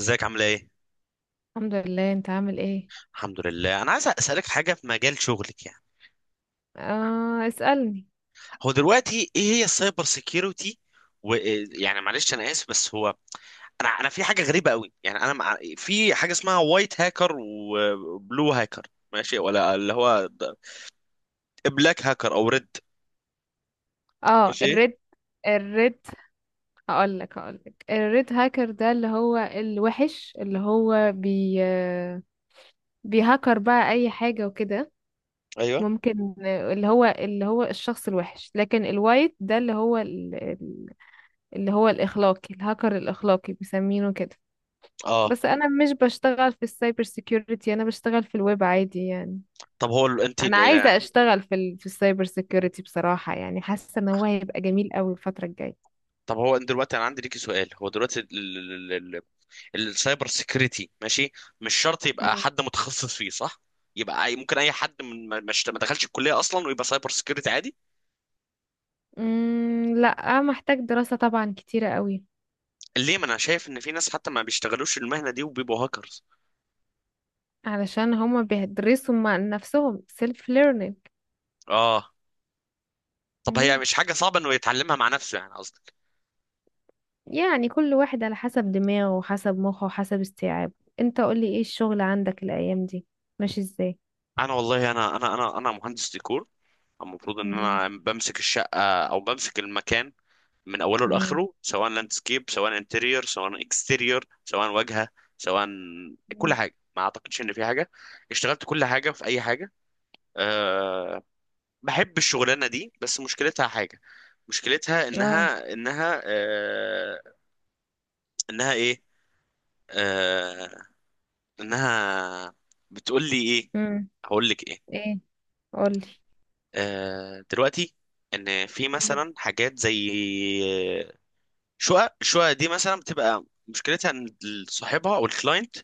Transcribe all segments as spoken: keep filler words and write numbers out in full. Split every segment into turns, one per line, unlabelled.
ازيك؟ عامله ايه؟
الحمد لله، انت عامل ايه؟
الحمد لله. انا عايز اسالك في حاجه في مجال شغلك يعني.
آه، اسألني.
هو دلوقتي ايه هي السايبر سيكيورتي؟ ويعني معلش انا اسف بس هو انا انا في حاجه غريبه قوي يعني انا مع... في حاجه اسمها وايت هاكر وبلو هاكر، ماشي؟ ولا اللي هو بلاك هاكر او ريد؟
اه،
ماشي.
الريد، الريد. هقولك هقولك الريد هاكر ده اللي هو الوحش، اللي هو بي بيهكر بقى اي حاجة وكده.
ايوه.
ممكن اللي هو اللي هو الشخص الوحش، لكن الوايت ده اللي هو ال- ال- اللي هو الاخلاقي، الهاكر الاخلاقي بيسمينه كده.
اه.
بس انا مش بشتغل في السايبر سيكيورتي، انا بشتغل في الويب عادي يعني.
طب هو ال- انت
انا
ال-
عايزه
ال-
اشتغل في ال... في السايبر سيكيورتي بصراحه، يعني حاسه ان هو هيبقى جميل قوي الفتره الجايه.
طب هو انت دلوقتي، انا عندي ليكي سؤال، هو دلوقتي السايبر سيكريتي، ماشي، مش شرط يبقى
مم.
حد متخصص فيه، صح؟ يبقى أي- ممكن اي حد من ما ما اشت- ما دخلش الكليه اصلا ويبقى سايبر سيكريتي عادي؟
مم، لا، محتاج دراسه طبعا كتيره قوي.
ليه؟ ما انا شايف ان في ناس حتى ما بيشتغلوش المهنه دي وبيبقوا هاكرز.
علشان هما بيدرسوا مع نفسهم سيلف ليرنينج.
اه. طب هي مش حاجه صعبه انه يتعلمها مع نفسه يعني قصدك؟
يعني كل واحد على حسب دماغه وحسب مخه وحسب استيعابه. انت قولي ايه الشغل عندك الايام دي؟ ماشي ازاي؟
انا والله انا انا انا انا مهندس ديكور. المفروض ان
مم.
انا بمسك الشقه او بمسك المكان من اوله
مم.
لاخره، سواء لاندسكيب، سواء انتريور، سواء اكستيريور، سواء واجهه، سواء كل
مم.
حاجه. ما اعتقدش ان في حاجه اشتغلت كل حاجه في اي حاجه. أه، بحب الشغلانة دي بس مشكلتها حاجة. مشكلتها
اه.
انها انها أه انها ايه أه انها بتقول لي ايه؟
مم.
هقول لك ايه؟
ايه؟ قولي.
أه دلوقتي ان في مثلا حاجات زي شقق. الشقق دي مثلا بتبقى مشكلتها ان صاحبها او الكلاينت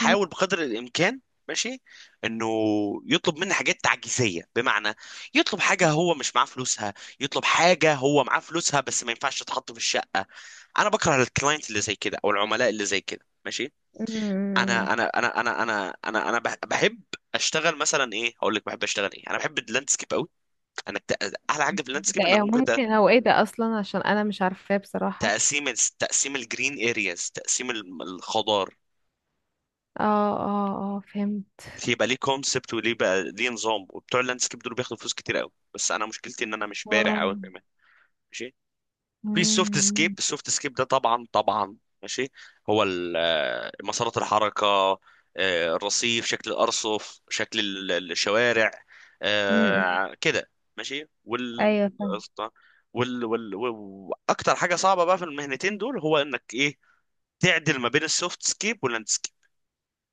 مم.
بقدر الامكان، ماشي، انه يطلب مني حاجات تعجيزيه، بمعنى يطلب حاجه هو مش معاه فلوسها، يطلب حاجه هو معاه فلوسها بس ما ينفعش تتحط في الشقه. انا بكره الكلاينت اللي زي كده او العملاء اللي زي كده، ماشي.
مم.
انا انا انا انا انا انا انا بح- بحب اشتغل مثلا ايه؟ هقول لك بحب اشتغل ايه، انا بحب اللاندسكيب قوي. انا الت- احلى حاجه في
ده
اللاندسكيب انك
إيه؟
ممكن ت-
ممكن هو ايه ده اصلا؟ عشان انا مش عارفاه بصراحة.
تقسيم، تقسيم الجرين ارياز، تقسيم الخضار.
اه، اه اه، فهمت.
يبقى ليه كونسبت وليه بقى ليه نظام، وبتوع اللاندسكيب دول بياخدوا فلوس كتير قوي. بس انا مشكلتي ان انا مش بارع
واو.
قوي كمان، ماشي، في السوفت سكيب.
مم.
السوفت سكيب ده طبعا طبعا، ماشي، هو ال- آه، مسارات الحركه، آه، الرصيف، شكل الارصف، شكل ال- ال- الشوارع،
مم.
آه، كده، ماشي. وال
ايوه، فاهم.
وال وال واكتر حاجه صعبه بقى في المهنتين دول هو انك ايه تعدل ما بين السوفت سكيب واللاندسكيب.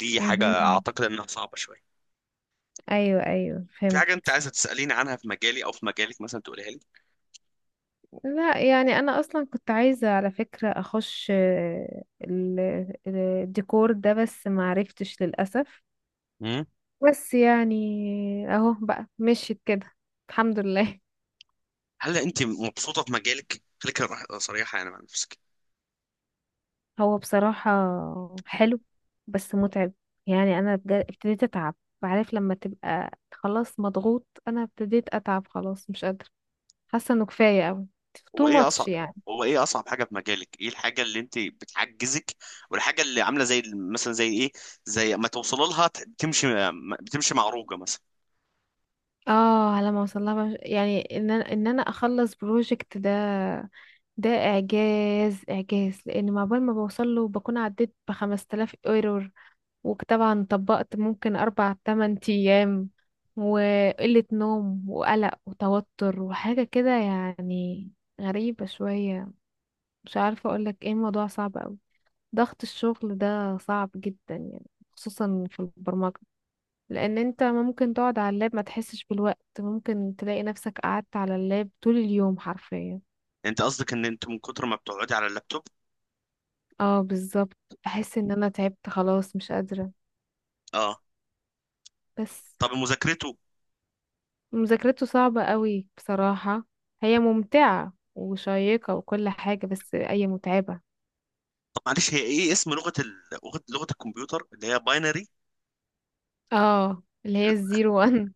دي حاجه
مهم.
اعتقد انها صعبه شويه.
ايوه ايوه،
في
فهمت.
حاجة أنت عايزة تسأليني عنها في مجالي أو في مجالك مثلا تقوليها لي؟
لا يعني انا اصلا كنت عايزة على فكرة اخش آه، ال- ال- الديكور ده، بس ما عرفتش للأسف.
مم؟
بس يعني، اهو بقى، مشيت كده الحمد لله.
هل أنت مبسوطة في مجالك؟ خليك رح- صريحة يعني مع نفسك.
هو بصراحة حلو، بس متعب. يعني أنا بجد ابتديت أتعب. عارف لما تبقى خلاص مضغوط؟ أنا ابتديت أتعب خلاص، مش قادرة. حاسة إنه كفاية أوي،
هو
too
إيه أصعب؟
much يعني.
هو إيه أصعب حاجة في مجالك؟ إيه الحاجة اللي أنت بتحجزك والحاجة اللي عاملة زي مثلا زي إيه؟ زي ما توصل لها ت- بتمشي، بتمشي معروجة مثلا.
اه، على ما وصلها بقى، مش- يعني إن أنا إن أنا أخلص بروجكت ده، ده إعجاز إعجاز. لأن مع بال ما بوصله بكون عديت بخمس تلاف ايرور. وطبعا طبقت ممكن أربع تمن أيام وقلة نوم وقلق وتوتر وحاجة كده يعني، غريبة شوية. مش عارفة أقولك ايه، الموضوع صعب أوي. ضغط الشغل ده صعب جدا يعني، خصوصا في البرمجة. لأن انت ممكن تقعد على اللاب ما تحسش بالوقت، ممكن تلاقي نفسك قعدت على اللاب طول اليوم حرفيا.
أنت قصدك إن أنت من كتر ما بتقعدي على اللابتوب؟
اه بالظبط. بحس ان انا تعبت خلاص، مش قادرة.
أه.
بس،
طب مذاكرته؟
مذاكرته صعبة قوي بصراحة. هي ممتعة وشيقة وكل حاجة، بس أي متعبة.
طب معلش، هي إيه اسم لغة ال... لغة لغة الكمبيوتر اللي هي باينري؟
اه، اللي هي الزيرو وان.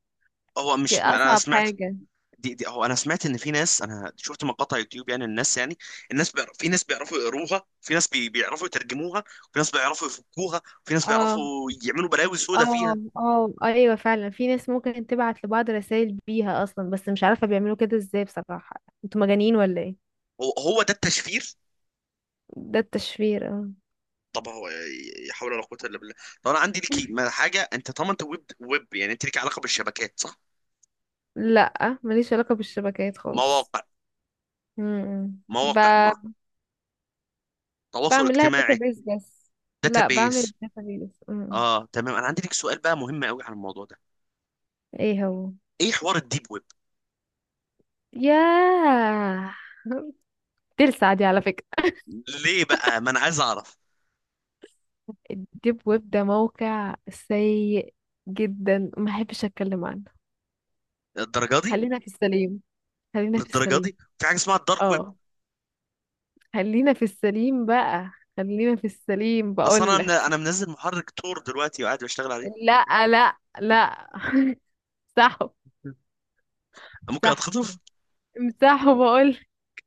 هو
دي
مش أنا
أصعب
سمعت...
حاجة.
دي دي هو انا سمعت ان في ناس، انا شفت مقاطع يوتيوب يعني، الناس يعني الناس بيعرف، في ناس بيعرفوا يقروها، في ناس بي بيعرفوا يترجموها، في ناس بيعرفوا يفكوها، في ناس
اه
بيعرفوا يعملوا بلاوي سودا
اه
فيها.
اه، ايوه فعلا، في ناس ممكن تبعت لبعض رسائل بيها اصلا، بس مش عارفة بيعملوا كده ازاي بصراحة، انتوا مجانين ولا ايه؟
هو هو ده التشفير؟
ده التشفير، اه.
طب هو لا حول ولا قوة الا بالله. طب انا عندي ليكي ما- حاجة، انت طبعا انت ويب ويب يعني انت ليكي علاقة بالشبكات، صح؟
لا، ماليش علاقة بالشبكات خالص.
مواقع،
امم ب...
مواقع ما تواصل
بعمل لها
اجتماعي.
داتابيز بس. لا، بعمل
داتابيس.
داتابيز. امم
اه تمام. انا عندي ليك سؤال بقى مهم قوي عن الموضوع ده.
ايه هو؟
ايه حوار الديب ويب؟
ياه، تلسع دي على فكرة.
ليه بقى؟ ما انا عايز اعرف.
الديب ويب ده موقع سيء جدا، ما احبش اتكلم عنه.
الدرجة دي؟
خلينا في السليم، خلينا في
للدرجه
السليم.
دي؟ في حاجه اسمها الدارك ويب
اه، خلينا في السليم بقى، خلينا في السليم
اصلا.
بقول
انا من... انا
لك.
منزل محرك تور دلوقتي وقاعد بشتغل عليه.
لا لا لا. امسحوا،
ممكن
امسحوا.
اتخطف؟
امسحوا بقول،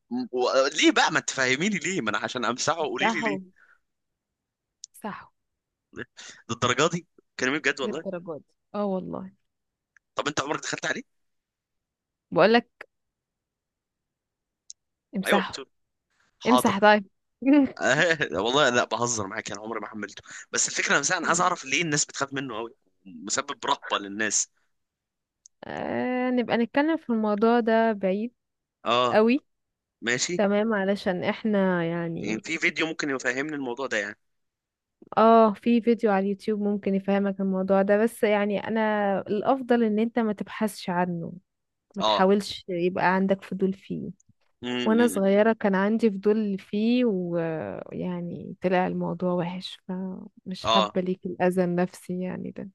م- و... ليه بقى؟ ما تفهميني ليه! ما انا عشان امسحه قولي لي ليه.
امسحوا، امسحوا.
للدرجه دي؟ كلامي بجد والله.
للدرجة دي، اه والله.
طب انت عمرك دخلت عليه؟
بقول لك
ايوه
امسحوا.
بتقول.
امسح
حاضر.
طيب.
آه، والله لا، بهزر معاك. انا عمري ما حملته، بس الفكره نفسها انا عايز اعرف ليه الناس بتخاف منه قوي. مسبب رهبه للناس.
آه، نبقى نتكلم في الموضوع ده بعيد
اه.
قوي.
ماشي.
تمام، علشان احنا
يعني
يعني.
في فيديو ممكن يفهمني الموضوع ده يعني؟
اه، في فيديو على اليوتيوب ممكن يفهمك الموضوع ده. بس يعني انا الافضل ان انت ما تبحثش عنه، ما
اه.
تحاولش يبقى عندك فضول فيه.
م
وانا
-م -م.
صغيرة كان عندي فضول فيه، ويعني طلع الموضوع وحش، فمش
اه
حابة ليك الاذى النفسي يعني ده.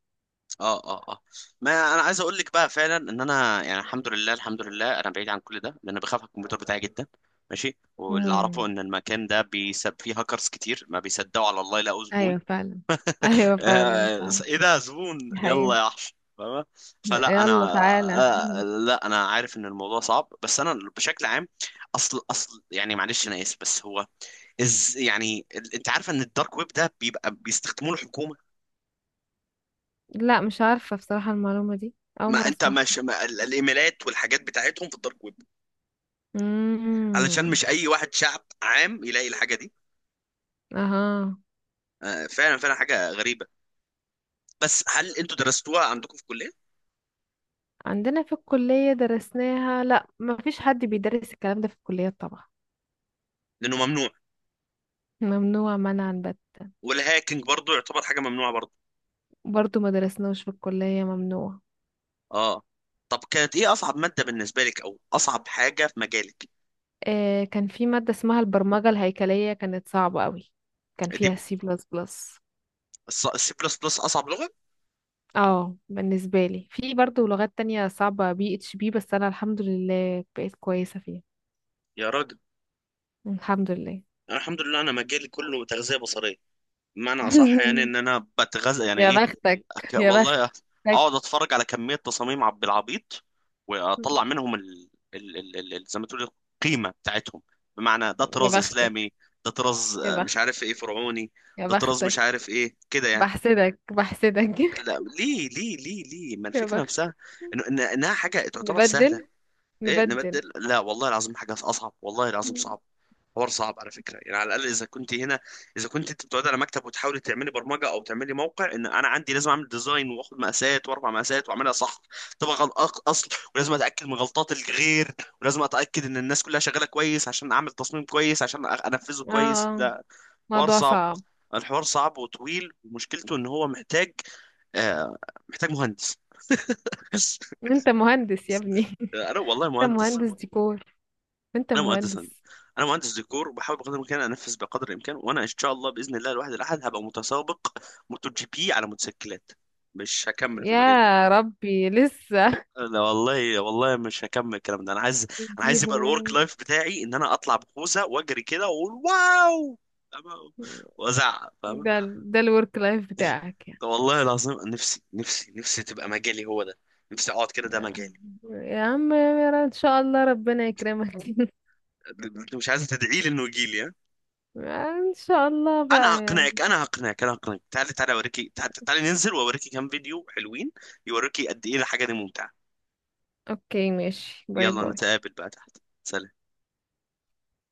اه اه. اه، ما انا عايز اقول لك بقى فعلا ان انا يعني، الحمد لله الحمد لله انا بعيد عن كل ده، لان بخاف على الكمبيوتر بتاعي جدا، ماشي. واللي اعرفه
امم،
ان المكان ده بيسب فيه هاكرز كتير ما بيصدقوا على الله يلاقوا زبون.
ايوه فعلا. ايوه فعلا
آه،
فعلا،
ايه ده؟ زبون!
دي حقيقة.
يلا يا وحش، فاهمة؟ فلا انا...
يلا تعالى.
آه، لا، انا عارف ان الموضوع صعب بس انا بشكل عام. اصل اصل يعني معلش انا اسف بس هو از يعني ال- انت عارفه ان الدارك ويب ده بيبقى بيستخدموه الحكومه؟
لا، مش عارفة بصراحة المعلومة دي، اول
ما
مرة
انت
اسمعها.
مش، ما ال- الايميلات والحاجات بتاعتهم في الدارك ويب علشان
امم،
مش اي واحد شعب عام يلاقي الحاجه دي.
اها.
آه، فعلا فعلا، حاجه غريبه. بس هل انتوا درستوها عندكم في الكليه؟
عندنا في الكلية درسناها؟ لا، ما فيش حد بيدرس الكلام ده في الكلية طبعا،
لانه ممنوع؟
ممنوع منعا بت.
والهاكينج برضو يعتبر حاجه ممنوعه برضو؟
برضو ما درسناهوش في الكلية، ممنوع.
اه. طب كانت ايه اصعب ماده بالنسبه لك او اصعب حاجه في مجالك؟
آه، كان في مادة اسمها البرمجة الهيكلية، كانت صعبة قوي، كان
دي؟
فيها سي بلس بلس.
السي بلس بلس اصعب لغه.
اه بالنسبة لي، في برضو لغات تانية صعبة، بي اتش بي، بس انا الحمد لله بقيت كويسة فيها.
يا راجل.
الحمد لله.
انا الحمد لله انا مجالي كله تغذيه بصريه، بمعنى اصح يعني ان انا بتغذى يعني
يا
ايه
بختك،
أك...
يا بختك،
والله اقعد اتفرج على كميه تصاميم عب العبيط واطلع منهم ال... ال... ال... ال... ال- زي ما تقول القيمه بتاعتهم. بمعنى ده
يا
طراز
بختك،
اسلامي، ده طراز
يا
آه، مش
بختك،
عارف ايه فرعوني،
يا
ده طراز مش
بختك.
عارف ايه كده يعني.
بحسدك بحسدك.
لا ليه ليه ليه ليه، ما
يا
الفكره
بخت،
نفسها إنه- إن... انها حاجه تعتبر
نبدل،
سهله. ايه
نبدل.
نبدل؟ لا والله العظيم حاجه اصعب، والله العظيم صعب. حوار صعب على فكره يعني. على الاقل اذا كنت هنا، اذا كنت انت بتقعد على مكتب وتحاولي تعملي برمجه او تعملي موقع، ان انا عندي لازم اعمل ديزاين واخد مقاسات واربع مقاسات واعملها صح. طبقا غل- اصل ولازم اتاكد من غلطات الغير، ولازم اتاكد ان الناس كلها شغاله كويس عشان اعمل تصميم كويس عشان أ- انفذه كويس.
اه،
لا، حوار
موضوع
صعب.
صعب.
الحوار صعب وطويل ومشكلته ان هو محتاج، آه، محتاج مهندس.
انت مهندس يا ابني.
انا والله
انت
مهندس.
مهندس ديكور، انت
انا مهندس هندسه،
مهندس.
انا مهندس ديكور وبحاول بقدر الامكان انفذ بقدر الامكان. وانا ان شاء الله باذن الله الواحد الاحد هبقى متسابق موتو جي بي على موتوسيكلات. مش هكمل في المجال ده،
يا ربي، لسه.
لا والله والله مش هكمل الكلام ده. انا عايز انا
دي
عايز يبقى الورك
هواية.
لايف بتاعي ان انا اطلع بخوذه واجري كده واقول واو، فاهمة؟ وازعق، فاهم؟
ده ال- ده الورك لايف بتاعك يعني؟
والله العظيم نفسي نفسي نفسي تبقى مجالي هو ده، نفسي اقعد كده، ده
لا.
مجالي.
يا عم، يا رب ان شاء الله ربنا يكرمك.
مش عايز تدعي لي انه يجي لي؟
ان شاء الله
انا
بقى يعني.
هقنعك انا هقنعك انا هقنعك، تعالي تعالي اوريكي، تعالي, تعالي ننزل واوريكي كام فيديو حلوين، يوريكي قد ايه الحاجه دي ممتعه.
اوكي ماشي، باي
يلا
باي.
نتقابل بقى تحت. سلام.